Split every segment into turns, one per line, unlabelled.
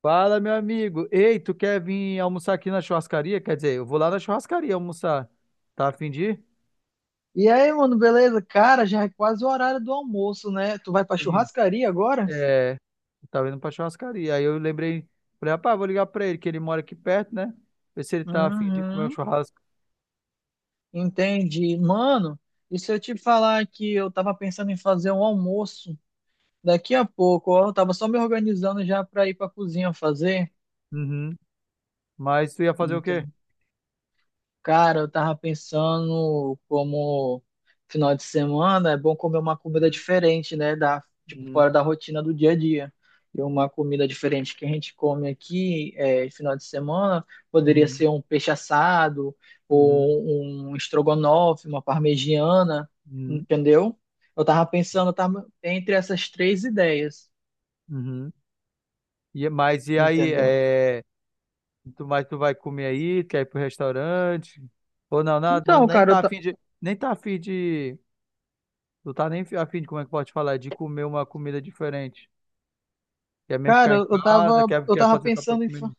Fala, meu amigo. Ei, tu quer vir almoçar aqui na churrascaria? Quer dizer, eu vou lá na churrascaria almoçar. Tá a fim de ir?
E aí, mano, beleza? Cara, já é quase o horário do almoço, né? Tu vai pra
Sim.
churrascaria agora?
É, tava indo pra churrascaria. Aí eu lembrei, falei, rapaz, vou ligar pra ele, que ele mora aqui perto, né? Ver se ele tá a fim de comer um
Uhum,
churrasco.
entendi. Mano, e se eu te falar que eu tava pensando em fazer um almoço daqui a pouco, ó, eu tava só me organizando já pra ir pra cozinha fazer.
Uhum. Mas tu ia fazer o quê?
Cara, eu tava pensando como final de semana é bom comer uma comida diferente, né? Da, tipo, fora
Uhum,
da rotina do dia a dia. E uma comida diferente que a gente come aqui é, final de semana poderia
uhum,
ser um peixe assado
uhum, uhum,
ou um estrogonofe, uma parmegiana,
uhum,
entendeu? Eu tava pensando tava entre essas três ideias,
uhum. E, mas e aí,
entendeu?
é, mas tu vai comer aí, quer ir pro restaurante? Ou não, não, não,
Então,
nem
cara,
tá
eu,
a
ta-
fim de, nem tá a fim de, tu tá nem a fim de, como é que pode falar, é de comer uma comida diferente. Quer mesmo ficar
Cara,
em
eu
casa,
tava,
quer,
eu
quer
tava
fazer tua própria
pensando em
comida.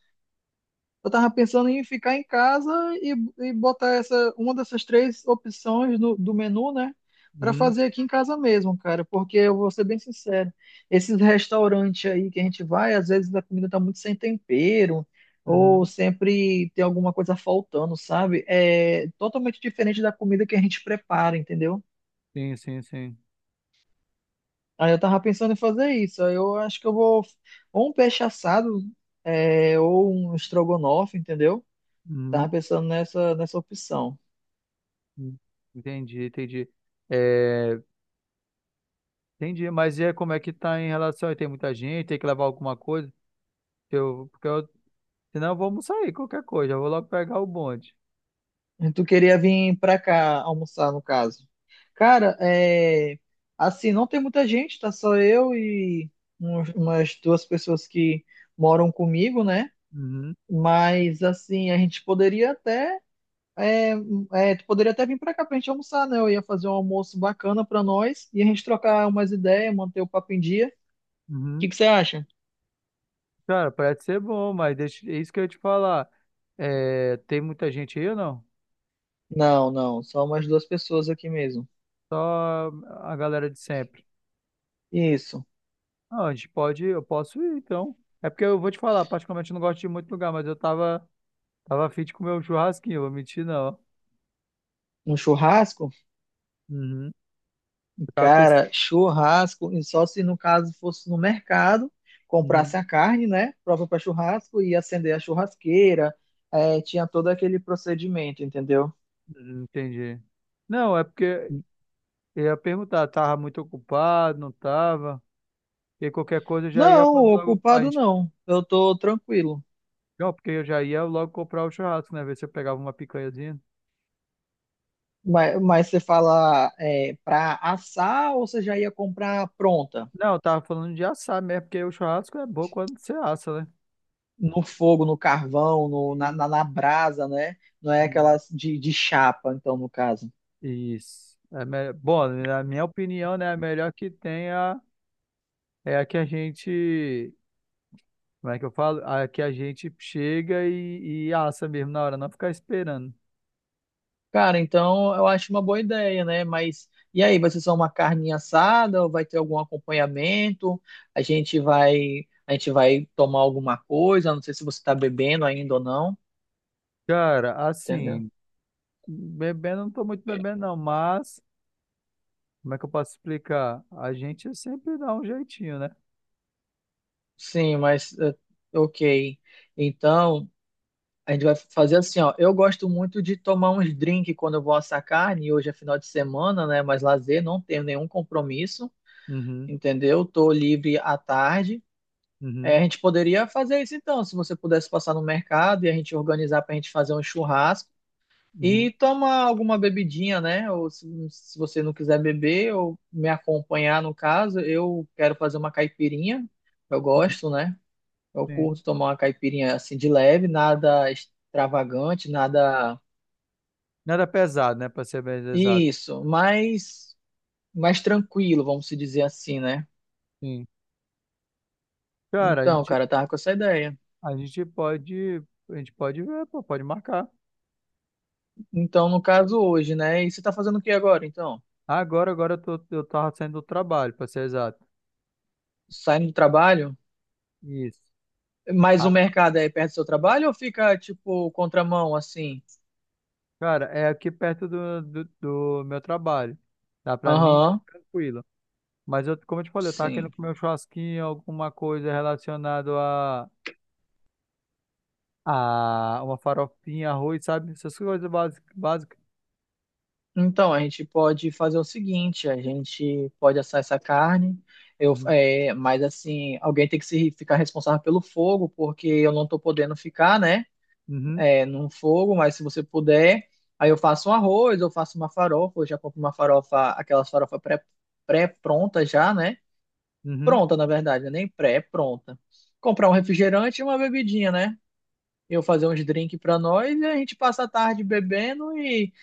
eu tava pensando em ficar em casa e botar essa, uma dessas três opções do menu, né? Pra
Uhum,
fazer aqui em casa mesmo, cara. Porque eu vou ser bem sincero, esses restaurantes aí que a gente vai, às vezes a comida tá muito sem tempero, ou
uhum.
sempre tem alguma coisa faltando, sabe? É totalmente diferente da comida que a gente prepara, entendeu?
Sim, sim, sim.
Aí eu tava pensando em fazer isso. Aí eu acho que eu vou ou um peixe assado, é, ou um estrogonofe, entendeu?
Uhum.
Tava pensando nessa opção.
Uhum. Entendi, entendi. É, entendi, mas e aí, como é que tá em relação aí? Tem muita gente, tem que levar alguma coisa? Porque eu, senão eu vou almoçar aí, qualquer coisa, eu vou logo pegar o bonde.
E tu queria vir pra cá almoçar, no caso. Cara, é, assim, não tem muita gente, tá só eu e umas duas pessoas que moram comigo, né?
Uhum,
Mas, assim, a gente poderia até. É, é, tu poderia até vir pra cá pra gente almoçar, né? Eu ia fazer um almoço bacana pra nós e a gente trocar umas ideias, manter o papo em dia. O
uhum.
que que você acha?
Cara, parece ser bom, mas deixa, é isso que eu ia te falar. É, tem muita gente aí ou não?
Não, não, só umas duas pessoas aqui mesmo.
Só a galera de sempre.
Isso.
Ah, a gente pode, eu posso ir, então. É porque eu vou te falar, particularmente eu não gosto de ir muito lugar, mas eu tava afim de comer um churrasquinho, vou mentir não.
Um churrasco?
Uhum. Eu tava pensando...
Cara, churrasco, e só se no caso fosse no mercado, comprasse
Uhum.
a carne, né, própria para churrasco e acender a churrasqueira, é, tinha todo aquele procedimento, entendeu?
Uhum, entendi. Não, é porque eu ia perguntar, tava muito ocupado, não tava? E qualquer coisa eu já ia
Não,
fazer
o
logo, a
culpado
gente...
não, eu tô tranquilo.
Não, porque eu já ia logo comprar o churrasco, né? Ver se eu pegava uma picanhazinha.
Mas você fala é, para assar ou você já ia comprar pronta?
Não, eu tava falando de assar mesmo, porque o churrasco é bom quando você assa, né?
No fogo, no carvão, na, na brasa, né? Não é
E-
aquelas de chapa, então, no caso.
isso. É me- bom, na minha opinião, né, a melhor que tem é a- é a que a gente, como é que eu falo? A que a gente chega e assa mesmo na hora, não ficar esperando.
Cara, então eu acho uma boa ideia, né? Mas e aí, vai ser só uma carninha assada ou vai ter algum acompanhamento? A gente vai tomar alguma coisa, não sei se você está bebendo ainda ou não,
Cara,
entendeu?
assim, bebendo não tô muito bebendo não, mas como é que eu posso explicar? A gente sempre dá um jeitinho, né?
Sim, mas ok. Então, a gente vai fazer assim, ó. Eu gosto muito de tomar uns drinks quando eu vou assar carne, e hoje é final de semana, né? Mas lazer, não tenho nenhum compromisso,
Uhum,
entendeu? Tô livre à tarde.
uhum,
É, a gente poderia fazer isso então, se você pudesse passar no mercado e a gente organizar para a gente fazer um churrasco
uhum,
e tomar alguma bebidinha, né? Ou se você não quiser beber ou me acompanhar no caso, eu quero fazer uma caipirinha. Eu
uhum,
gosto, né? Eu
sim.
curto tomar uma caipirinha assim de leve, nada extravagante, nada
Nada pesado, né, pra ser bem exato.
isso, mais mais tranquilo, vamos se dizer assim, né?
Sim. Cara,
Então, cara, eu tava com essa ideia.
a gente pode, a gente pode ver, pô, pode marcar.
Então, no caso hoje, né? E você tá fazendo o que agora, então?
Agora eu tô, eu tava saindo do trabalho, para ser exato.
Saindo do trabalho?
Isso.
Mas o
A-
mercado é perto do seu trabalho ou fica, tipo, contramão, assim?
cara, é aqui perto do meu trabalho. Dá pra mim,
Aham,
tranquilo. Mas eu, como eu te falei, eu tava querendo
sim.
comer um churrasquinho, alguma coisa relacionada a uma farofinha, arroz, sabe? Essas coisas básicas. Básicas.
Então, a gente pode fazer o seguinte, a gente pode assar essa carne, eu,
Uhum.
é, mas, assim, alguém tem que se, ficar responsável pelo fogo, porque eu não tô podendo ficar, né,
Uhum.
é, num fogo, mas se você puder, aí eu faço um arroz, eu faço uma farofa, eu já compro uma farofa, aquelas farofas pré, pré-prontas já, né?
Uhum.
Pronta, na verdade, né? Nem pré, é pronta. Comprar um refrigerante e uma bebidinha, né? Eu fazer uns drinks pra nós e a gente passa a tarde bebendo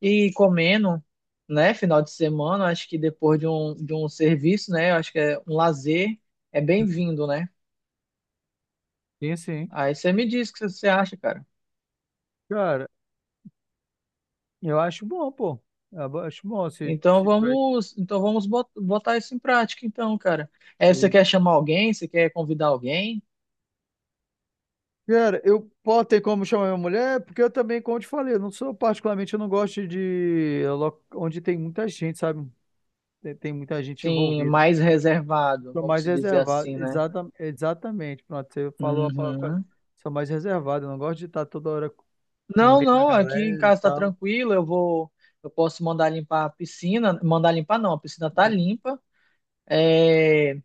e comendo, né? Final de semana, acho que depois de um serviço, né? Acho que é um lazer, é bem-vindo, né?
Sim, sim.
Aí você me diz o que você acha, cara.
Cara, eu acho bom, pô. Eu acho bom se,
Então
se tiver.
vamos, botar isso em prática, então, cara. É, você quer chamar alguém? Você quer convidar alguém?
Cara, eu posso ter como chamar minha mulher, porque eu também, como eu te falei, eu não sou particularmente, eu não gosto de lo- onde tem muita gente, sabe? Tem muita gente
Sim,
envolvida.
mais reservado,
Sou
vamos
mais
se dizer
reservado,
assim, né?
exata, exatamente. Pronto, você falou a palavra. Quase-
Uhum.
sou mais reservado, eu não gosto de estar toda hora no
Não,
meio da
não, aqui em
galera e
casa tá
tal.
tranquilo, eu vou, eu posso mandar limpar a piscina, mandar limpar não, a piscina tá
Uhum.
limpa, é,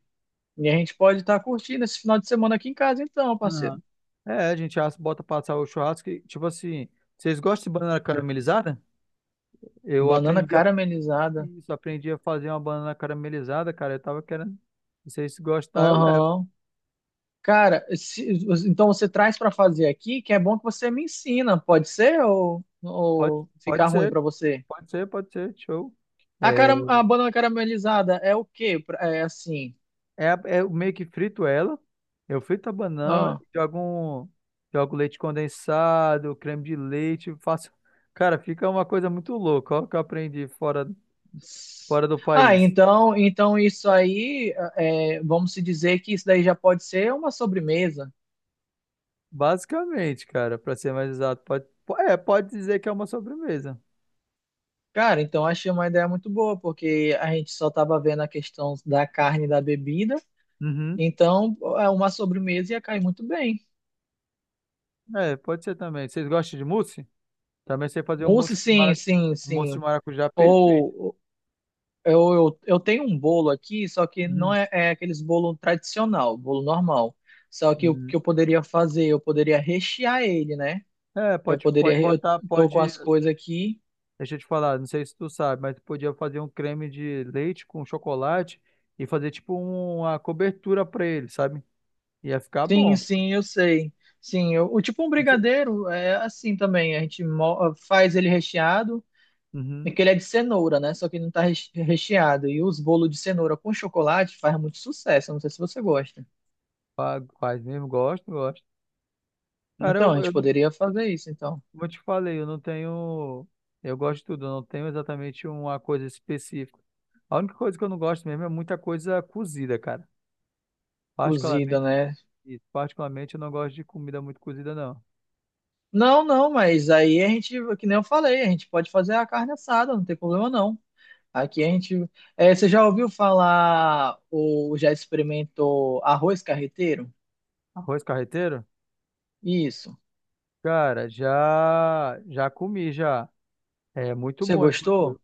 e a gente pode estar curtindo esse final de semana aqui em casa então,
Aham.
parceiro.
É, a gente assa- bota passar o churrasco, e, tipo assim, vocês gostam de banana caramelizada? Eu
Banana
aprendi a,
caramelizada,
isso, aprendi a fazer uma banana caramelizada, cara, eu tava querendo, se vocês gostarem, eu levo.
aham. Cara, então você traz pra fazer aqui, que é bom que você me ensina, pode ser
Pode,
ou ficar
pode
ruim
ser,
pra você?
pode ser, show.
A,
É,
cara, a banana caramelizada é o quê? É assim,
é, a- é, eu meio que frito ela. Eu frito a banana, jogo um, jogo leite condensado, creme de leite, faço. Cara, fica uma coisa muito louca, ó, o que eu aprendi fora, fora do
ah,
país.
então, então isso aí, é, vamos se dizer que isso daí já pode ser uma sobremesa.
Basicamente, cara, pra ser mais exato, pode, po- é, pode dizer que é uma sobremesa.
Cara, então achei uma ideia muito boa, porque a gente só estava vendo a questão da carne e da bebida,
Uhum.
então é uma sobremesa ia cair muito bem.
É, pode ser também. Vocês gostam de mousse? Também sei fazer um mousse
Mousse,
de
sim,
mara-
sim,
um mousse de
sim.
maracujá perfeito.
Ou eu tenho um bolo aqui, só que não
Uhum.
é, é aqueles bolo tradicional, bolo normal. Só que o
Uhum.
que eu poderia fazer, eu poderia rechear ele, né?
É,
Eu
pode, pode
poderia, eu
botar,
tô com
pode.
as coisas aqui.
Deixa eu te falar, não sei se tu sabe, mas tu podia fazer um creme de leite com chocolate e fazer tipo uma cobertura pra ele, sabe? Ia ficar
Sim,
bom.
sim, eu sei. Sim, o tipo um
Não sei-
brigadeiro é assim também. A gente faz ele recheado, é
uhum.
que ele é de cenoura, né? Só que não tá recheado. E os bolos de cenoura com chocolate faz muito sucesso. Eu não sei se você gosta.
Fa- faz mesmo, gosto, gosto. Cara,
Então, a
eu,
gente
não-
poderia fazer isso, então.
como eu te falei, eu não tenho. Eu gosto de tudo, eu não tenho exatamente uma coisa específica. A única coisa que eu não gosto mesmo é muita coisa cozida, cara.
Cozida,
Particularmente,
né?
isso, particularmente eu não gosto de comida muito cozida, não.
Não, não, mas aí a gente, que nem eu falei, a gente pode fazer a carne assada, não tem problema não. Aqui a gente. É, você já ouviu falar ou já experimentou arroz carreteiro?
Arroz carreteiro?
Isso.
Cara, já comi já. É muito
Você
bom, inclusive.
gostou?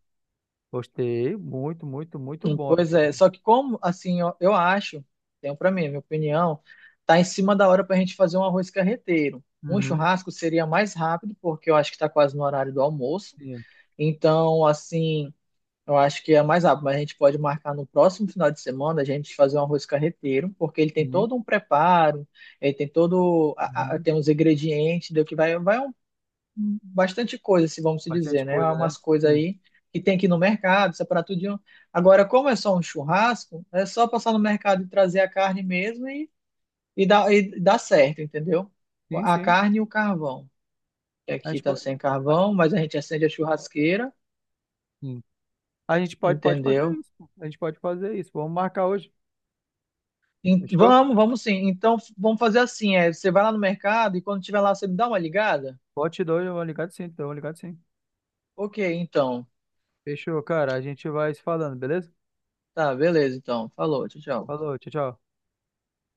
Gostei, muito, muito, muito bom,
Pois é,
inclusive.
só que como, assim, eu acho, tenho para mim, minha opinião, tá em cima da hora para a gente fazer um arroz carreteiro. Um
Uhum,
churrasco seria mais rápido, porque eu acho que está quase no horário do almoço.
sim,
Então, assim, eu acho que é mais rápido, mas a gente pode marcar no próximo final de semana a gente fazer um arroz carreteiro, porque ele tem
sim,
todo um preparo, ele tem todo,
uhum.
tem os ingredientes, do que vai, vai bastante coisa, se vamos se
Bastante
dizer, né? Há
coisa, né?
umas coisas
Sim,
aí que tem aqui no mercado, separar tudinho. Agora, como é só um churrasco, é só passar no mercado e trazer a carne mesmo e, e dá certo, entendeu?
sim,
A
sim.
carne e o carvão. Que
A
aqui
gente
tá
pode,
sem
a,
carvão, mas a gente acende a churrasqueira,
sim. A gente pode, pode fazer
entendeu?
isso. Pô. A gente pode fazer isso. Vamos marcar hoje. Fechou?
Vamos, vamos sim. Então, vamos fazer assim, é, você vai lá no mercado e quando tiver lá, você me dá uma ligada?
Pode te dar, eu vou ligar sim, então, eu vou ligar sim.
Ok, então.
Fechou, cara. A gente vai se falando, beleza?
Tá, beleza, então. Falou, tchau, tchau.
Falou, tchau, tchau.